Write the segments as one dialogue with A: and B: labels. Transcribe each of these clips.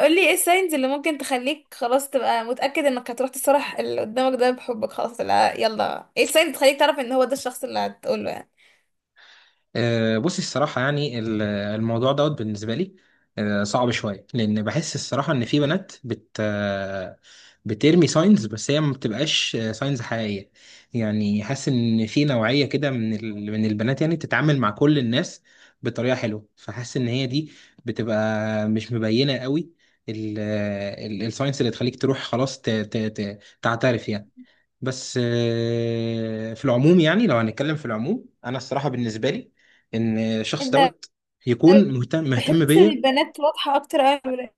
A: قولي ايه الساينز اللي ممكن تخليك خلاص تبقى متأكد انك هتروح تصرح اللي قدامك ده بحبك؟ خلاص، لا، يلا ايه الساينز اللي تخليك تعرف ان هو ده الشخص اللي هتقوله يعني؟
B: بصي، الصراحة يعني الموضوع دوت بالنسبة لي صعب شوية، لأن بحس الصراحة إن في بنات بت آه، بترمي ساينز بس هي ما بتبقاش ساينز حقيقية. يعني حاسس إن في نوعية كده من البنات يعني بتتعامل مع كل الناس بطريقة حلوة، فحاسس إن هي دي بتبقى مش مبينة قوي، الساينس اللي تخليك تروح خلاص تعترف يعني. بس في العموم، يعني لو هنتكلم في العموم، انا الصراحه بالنسبه لي ان الشخص
A: ده
B: دوت يكون مهتم مهتم
A: بحس ان
B: بيا.
A: البنات واضحة اكتر قوي.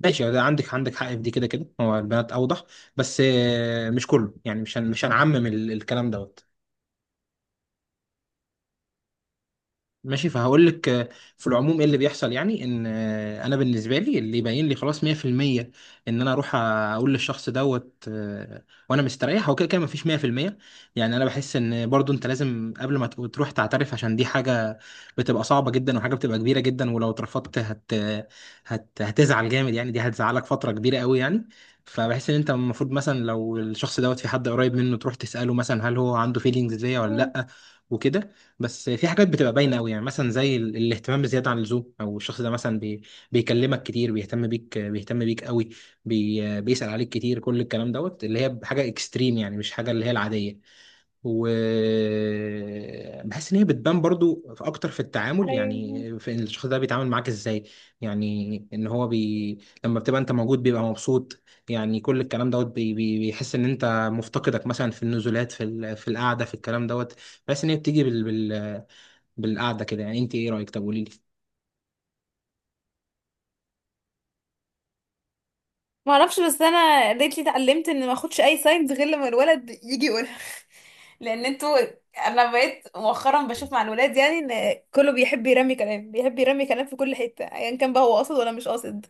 B: ماشي، ده عندك حق في دي، كده كده هو البنات اوضح. بس مش كله، يعني مش هنعمم الكلام دوت. ماشي، فهقول لك في العموم ايه اللي بيحصل. يعني ان انا بالنسبه لي اللي يبين لي خلاص 100% ان انا اروح اقول للشخص دوت وانا مستريح، هو كده كده مفيش 100%. يعني انا بحس ان برضو انت لازم قبل ما تروح تعترف، عشان دي حاجه بتبقى صعبه جدا، وحاجه بتبقى كبيره جدا، ولو اترفضت هتزعل جامد، يعني دي هتزعلك فتره كبيره قوي، يعني. فبحس ان انت المفروض مثلا لو الشخص دوت في حد قريب منه، تروح تساله مثلا هل هو عنده فيلينجز ليا ولا
A: مم.
B: لا، وكده. بس في حاجات بتبقى باينه قوي، يعني مثلا زي الاهتمام بزياده عن اللزوم، او الشخص ده مثلا بيكلمك كتير، بيهتم بيك بيهتم بيك قوي، بيسال عليك كتير، كل الكلام دوت اللي هي حاجه اكستريم، يعني مش حاجه اللي هي العاديه. وبحس ان هي بتبان برضو في اكتر في التعامل،
A: ايوه،
B: يعني في إن الشخص ده بيتعامل معاك ازاي. يعني ان هو لما بتبقى انت موجود بيبقى مبسوط، يعني كل الكلام دوت، بي بي بيحس ان انت مفتقدك مثلا في النزولات، في القعده، في الكلام دوت. بحس ان هي بتيجي بالقعده كده، يعني انت ايه رايك؟ طب قولي لي.
A: ما اعرفش، بس انا ريتلي اتعلمت ان ما اخدش اي ساينز غير لما الولد يجي يقولها. لان انتوا، انا بقيت مؤخرا بشوف مع الولاد يعني ان كله بيحب يرمي كلام، بيحب يرمي كلام في كل حته ايا كان بقى هو قاصد ولا مش قاصد.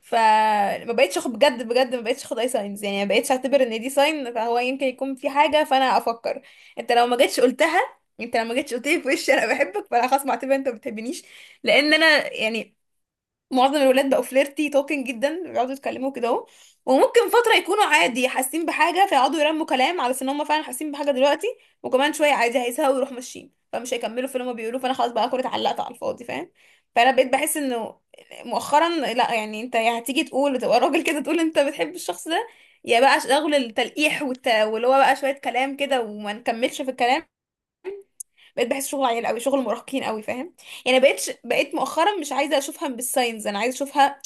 A: فما بقتش اخد بجد بجد، ما بقتش اخد اي ساينز، يعني ما بقتش اعتبر ان دي ساين فهو يمكن يكون في حاجه. فانا افكر، انت لو ما جيتش قلتها، انت لو ما جيتش قلت لي في وشي انا بحبك، فانا خلاص معتبر انت ما بتحبنيش. لان انا يعني معظم الولاد بقوا فليرتي توكينج جدا، بيقعدوا يتكلموا كده اهو، وممكن فتره يكونوا عادي حاسين بحاجه فيقعدوا يرموا كلام على ان هم فعلا حاسين بحاجه دلوقتي، وكمان شويه عادي هيزهقوا ويروحوا ماشيين، فمش هيكملوا في اللي هم بيقولوه فانا خلاص بقى أكون اتعلقت على الفاضي، فاهم؟ فانا بقيت بحس انه مؤخرا لا يعني، انت يا هتيجي تقول وتبقى راجل كده تقول انت بتحب الشخص ده، يا بقى شغل التلقيح واللي هو بقى شويه كلام كده وما نكملش في الكلام. بقيت بحس شغل عيال قوي، شغل مراهقين قوي، فاهم؟ يعني بقيت مؤخرا مش عايزه اشوفها بالساينز، انا عايزه اشوفها،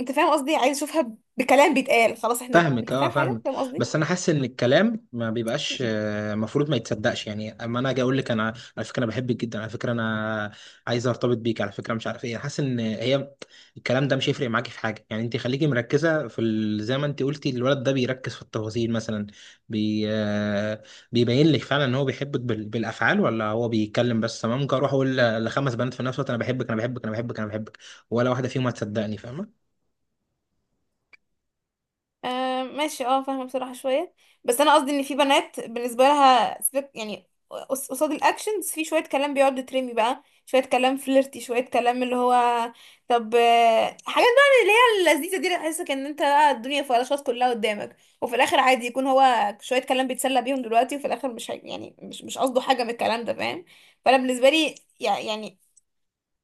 A: انت فاهم قصدي؟ عايزه اشوفها بكلام بيتقال خلاص، احنا
B: فاهمك،
A: انت
B: اه،
A: فاهم حاجه،
B: فاهمك.
A: فاهم قصدي؟
B: بس انا حاسس ان الكلام ما بيبقاش المفروض ما يتصدقش، يعني اما انا اجي اقول لك انا على فكره انا بحبك جدا، على فكره انا عايز ارتبط بيك، على فكره مش عارف ايه، حاسس ان هي الكلام ده مش هيفرق معاكي في حاجه، يعني انت خليكي مركزه زي ما انت قلتي الولد ده بيركز في التفاصيل مثلا. بي... آه، بيبين لك فعلا ان هو بيحبك بالافعال، ولا هو بيتكلم بس. أنا ممكن اروح اقول لخمس بنات في نفس الوقت انا بحبك انا بحبك انا بحبك انا بحبك، ولا واحده فيهم هتصدقني، فاهمه؟
A: آه ماشي، اه فاهمة بصراحة شوية. بس انا قصدي ان في بنات بالنسبة لها سبيك يعني قصاد الاكشنز في شوية كلام بيقعد يترمي بقى، شوية كلام فليرتي، شوية كلام اللي هو طب حاجات بقى اللي هي اللذيذة دي، اللي تحسك ان انت بقى الدنيا فلاشات كلها قدامك، وفي الاخر عادي يكون هو شوية كلام بيتسلى بيهم دلوقتي، وفي الاخر مش هي- يعني مش قصده حاجة من الكلام ده، فاهم؟ فانا بالنسبة لي يعني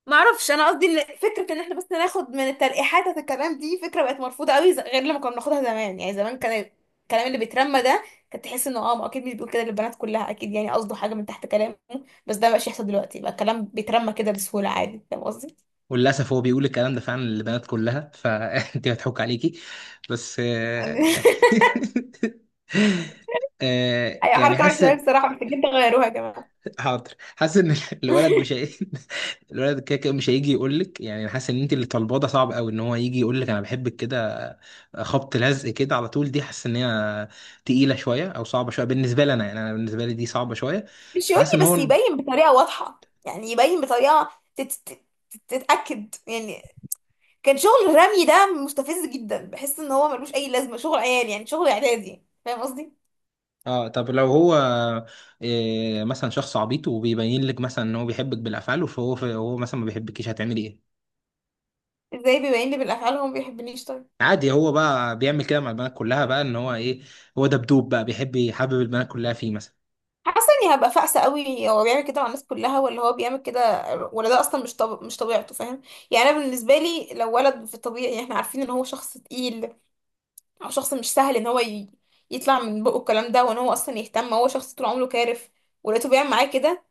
A: ما اعرفش، انا قصدي إن فكره ان احنا بس ناخد من التلقيحات بتاعت الكلام دي، فكره بقت مرفوضه قوي، غير لما كنا بناخدها زمان. يعني زمان كان الكلام اللي بيترمى ده كنت تحس انه اه ما اكيد مش بيقول كده للبنات كلها، اكيد يعني قصده حاجه من تحت كلامه، بس ده مبقاش يحصل دلوقتي، بقى الكلام بيترمى كده بسهوله عادي، فاهم قصدي؟
B: وللاسف هو بيقول الكلام ده فعلا للبنات كلها، فانت هتحك عليكي، بس
A: يعني اي
B: يعني
A: حركه وحشه
B: حاسس.
A: أوي بصراحه، محتاجين تغيروها يا جماعه.
B: حاضر، حاسس ان الولد مش هي... الولد كده كده مش هيجي يقول لك، يعني أنا حاسس ان انت اللي طالباه ده صعب قوي، ان هو يجي يقول لك انا بحبك كده خبط لزق كده على طول، دي حاسس ان هي تقيله شويه، او صعبه شويه بالنسبه لي انا، يعني انا بالنسبه لي دي صعبه شويه.
A: مش يقول
B: فحاسس ان
A: لي بس،
B: هو،
A: يبين بطريقه واضحه، يعني يبين بطريقه تت... تت... تتاكد يعني. كان شغل الرمي ده مستفز جدا، بحس ان هو ملوش اي لازمه، شغل عيال، يعني شغل اعدادي، فاهم قصدي؟
B: اه طب لو هو إيه مثلا شخص عبيط وبيبين لك مثلا ان هو بيحبك بالافعال، فهو مثلا ما بيحبكيش، هتعملي ايه؟
A: ازاي بيبين لي بالافعال هو ما بيحبنيش طيب؟
B: عادي، هو بقى بيعمل كده مع البنات كلها، بقى ان هو ايه، هو دبدوب بقى بيحب يحبب البنات كلها فيه مثلا.
A: حاسه اني هبقى فاقسه قوي، هو بيعمل كده مع الناس كلها ولا هو بيعمل كده، ولا ده اصلا مش طبيعته، فاهم؟ يعني انا بالنسبه لي لو ولد في الطبيعي احنا عارفين ان هو شخص تقيل، او شخص مش سهل ان هو يطلع من بقه الكلام ده، وان هو اصلا يهتم، هو شخص طول عمره كارف ولقيته بيعمل معايا كده،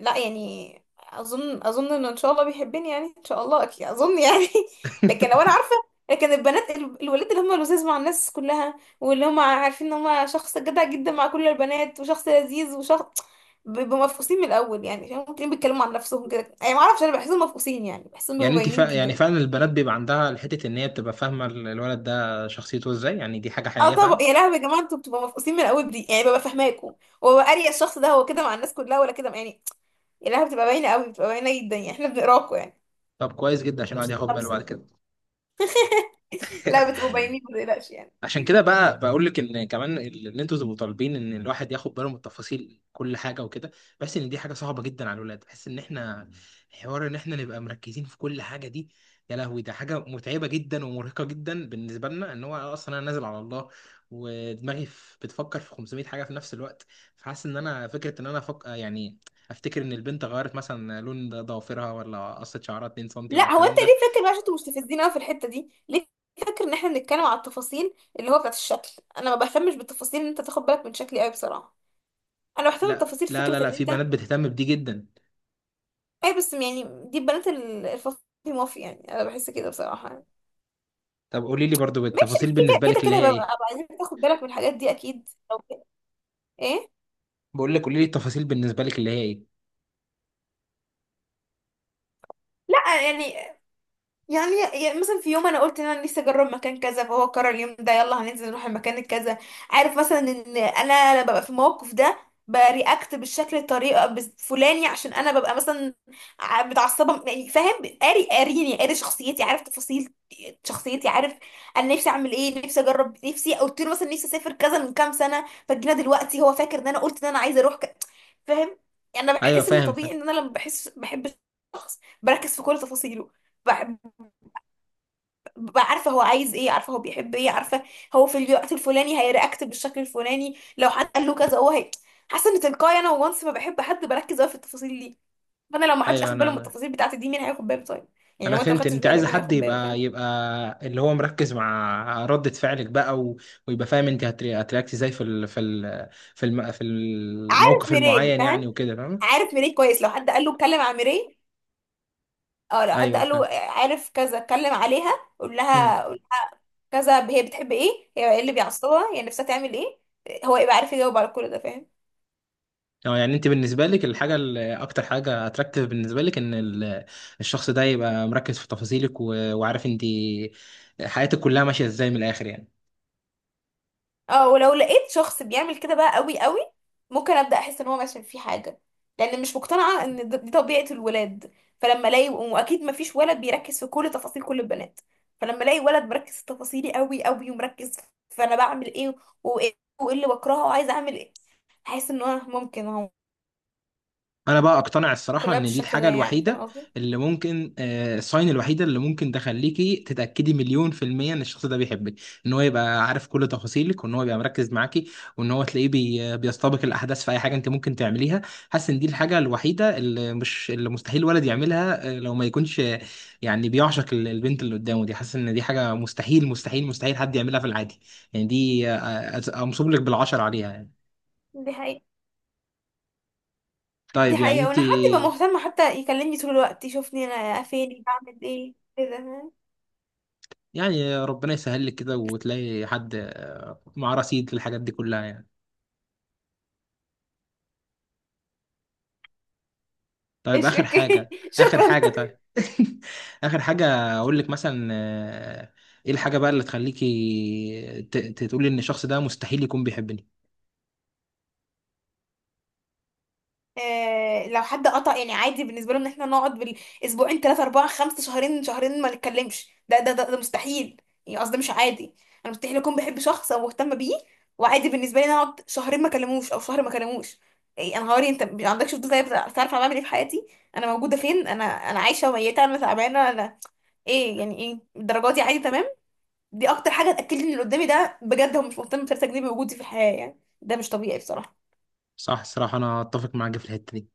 A: لا يعني اظن، اظن انه ان شاء الله بيحبني، يعني ان شاء الله اكيد اظن يعني. لكن لو انا عارفه، لكن البنات الولاد اللي هم لذاذ مع الناس كلها، واللي هم عارفين ان هم شخص جدع جدا مع كل البنات وشخص لذيذ وشخص بيبقوا مفقوسين من الاول، يعني فاهم؟ ممكن بيتكلموا عن نفسهم كده يعني ما اعرفش، انا بحسهم مفقوسين يعني، بحسهم بيبقوا باينين
B: يعني
A: جدا.
B: فعلا البنات بيبقى عندها حته ان هي بتبقى فاهمه الولد ده شخصيته ازاي، يعني دي حاجه
A: اه
B: حقيقيه
A: طبعا
B: فعلا.
A: يا لهوي يا جماعه، انتوا بتبقوا مفقوسين من الاول دي، يعني ببقى فاهماكوا وببقى اريا الشخص ده هو كده مع الناس كلها ولا كده يعني. يا لهوي بتبقى باينه قوي، بتبقى باينه جدا، يعني احنا بنقراكوا
B: طب كويس جدا، عشان الواحد ياخد
A: يعني.
B: باله بعد كده.
A: لا بتبقوا باينين ما تقلقش يعني.
B: عشان كده بقى بقول لك ان كمان ان انتوا تبقوا طالبين ان الواحد ياخد باله من تفاصيل كل حاجه وكده، بحس ان دي حاجه صعبه جدا على الولاد. بحس ان احنا حوار ان احنا نبقى مركزين في كل حاجه دي، يا لهوي، ده حاجه متعبه جدا ومرهقه جدا بالنسبه لنا. ان هو اصلا انا نازل على الله ودماغي بتفكر في 500 حاجه في نفس الوقت. فحاسس ان انا فكره ان يعني افتكر ان البنت غيرت مثلا لون ضوافرها، ولا قصت شعرها 2 سم، ولا
A: لا هو انت
B: الكلام ده.
A: ليه فاكر بقى؟ عشان انتوا مستفزين قوي في الحته دي ليه؟ فاكر ان احنا بنتكلم على التفاصيل اللي هو بتاعت الشكل، انا ما بهتمش بالتفاصيل ان انت تاخد بالك من شكلي قوي بصراحه، انا بهتم
B: لا
A: بتفاصيل
B: لا لا
A: فكره ان
B: لا، في
A: انت
B: بنات بتهتم بدي جدا.
A: اي بس يعني دي بنات الفصل مافي، يعني انا بحس كده بصراحه يعني.
B: طب قولي لي برضو
A: ماشي
B: التفاصيل
A: كده
B: بالنسبه
A: كده
B: لك اللي
A: كده،
B: هي
A: ببقى
B: ايه؟
A: ببقى عايزين تاخد بالك من الحاجات دي اكيد أو كده. ايه؟
B: بقول لك، قولي لي التفاصيل بالنسبه لك اللي هي ايه؟
A: لا يعني، يعني يعني مثلا في يوم انا قلت ان انا نفسي اجرب مكان كذا، فهو قرر اليوم ده يلا هننزل نروح المكان الكذا. عارف مثلا ان انا ببقى في الموقف ده برياكت بالشكل الطريقه الفلاني عشان انا ببقى مثلا متعصبه، يعني فاهم؟ قاري، قاريني، قاري شخصيتي، عارف تفاصيل شخصيتي، عارف انا نفسي اعمل ايه، نفسي اجرب، نفسي قلت له مثلا نفسي اسافر كذا من كام سنه فجينا دلوقتي هو فاكر ان انا قلت ان انا عايزه اروح فاهم؟ يعني انا
B: ايوه،
A: بحس ان
B: فاهم فاهم.
A: طبيعي ان انا لما بحس بحب شخص بركز في كل تفاصيله، ببقى عارفه هو عايز ايه، عارفه هو بيحب ايه، عارفه هو في الوقت الفلاني هيرياكت بالشكل الفلاني لو حد قال له كذا، هو هي حاسه ان تلقائي انا وانس ما بحب حد بركز قوي في التفاصيل دي، فانا لو ما حدش
B: ايوه،
A: اخد
B: انا
A: باله من
B: انا
A: التفاصيل بتاعتي دي مين هياخد باله طيب؟ يعني
B: انا
A: لو انت ما
B: فهمت ان
A: خدتش
B: انت
A: بالك
B: عايزه
A: مين
B: حد
A: هياخد باله،
B: يبقى
A: فاهم؟
B: يبقى اللي هو مركز مع ردة فعلك بقى، ويبقى فاهم انت هترياكت ازاي في
A: عارف
B: الموقف
A: ميراي،
B: المعين، يعني
A: فاهم
B: وكده، فاهم؟
A: عارف ميراي كويس، لو حد قال له اتكلم عن ميراي، اه لو حد
B: ايوه
A: قال له
B: فاهم.
A: عارف كذا، اتكلم عليها، قول
B: امم
A: لها، قول كذا، هي بتحب ايه، هي ايه اللي بيعصبها، هي نفسها تعمل ايه، هو يبقى عارف يجاوب على كل ده، فاهم؟
B: اه، يعني انت بالنسبه لك الحاجه اللي اكتر حاجه اتراكتيف بالنسبه لك ان الشخص ده يبقى مركز في تفاصيلك وعارف انت حياتك كلها ماشيه ازاي من الاخر، يعني.
A: اه ولو لقيت شخص بيعمل كده بقى قوي قوي ممكن ابدا احس ان هو مثلا في حاجه، لان مش مقتنعه ان دي طبيعه الولاد، فلما الاقي واكيد ما فيش ولد بيركز في كل تفاصيل كل البنات، فلما الاقي ولد مركز في تفاصيلي قوي قوي ومركز في انا بعمل ايه، وايه وايه اللي بكرهه وعايزه اعمل ايه، هحس ان هو ممكن هو
B: انا بقى اقتنع الصراحه
A: كلها
B: ان دي
A: بالشكل ده
B: الحاجه
A: يعني، فاهم
B: الوحيده
A: قصدي؟
B: اللي ممكن الساين الوحيده اللي ممكن تخليكي تتاكدي مليون في الميه ان الشخص ده بيحبك، ان هو يبقى عارف كل تفاصيلك، وان هو يبقى مركز معاكي، وان هو تلاقيه بيستبق الاحداث في اي حاجه انت ممكن تعمليها. حاسس ان دي الحاجه الوحيده اللي مش اللي مستحيل ولد يعملها، لو ما يكونش يعني بيعشق البنت اللي قدامه دي، حاسس ان دي حاجه مستحيل مستحيل مستحيل حد يعملها في العادي. يعني دي امصب لك بالعشر عليها، يعني.
A: دي حقيقة، دي
B: طيب، يعني
A: حقيقه.
B: انت،
A: وانا حد يبقى مهتم حتى يكلمني طول الوقت، يشوفني انا فين، بعمل ايه كده، ها؟
B: يعني ربنا يسهل لك كده وتلاقي حد معاه رصيد للحاجات دي كلها، يعني. طيب،
A: ايش
B: اخر
A: اوكي
B: حاجه، اخر
A: شكرا.
B: حاجه، طيب، اخر حاجه اقول لك مثلا ايه الحاجه بقى اللي تخليكي تقولي ان الشخص ده مستحيل يكون بيحبني؟
A: لو حد قطع يعني عادي بالنسبه له ان احنا نقعد بالاسبوعين، 3 4 5 شهرين شهرين ما نتكلمش، ده ده مستحيل يعني. قصدي مش عادي، انا مستحيل اكون بحب شخص او مهتمه بيه وعادي بالنسبه لي إن أنا اقعد شهرين ما اكلموش او شهر ما اكلموش. إيه؟ انا هوري انت ما عندكش فضول طيب تعرف انا بعمل ايه في حياتي، انا موجوده فين، انا انا عايشه وميته، انا تعبانه، انا ايه، يعني ايه الدرجات دي عادي، تمام. دي اكتر حاجه تاكد لي ان اللي قدامي ده بجد هو مش مهتم ب3 جنيه بوجودي في الحياه، يعني ده مش طبيعي بصراحه.
B: صح، الصراحه انا اتفق معاك في الحته دي.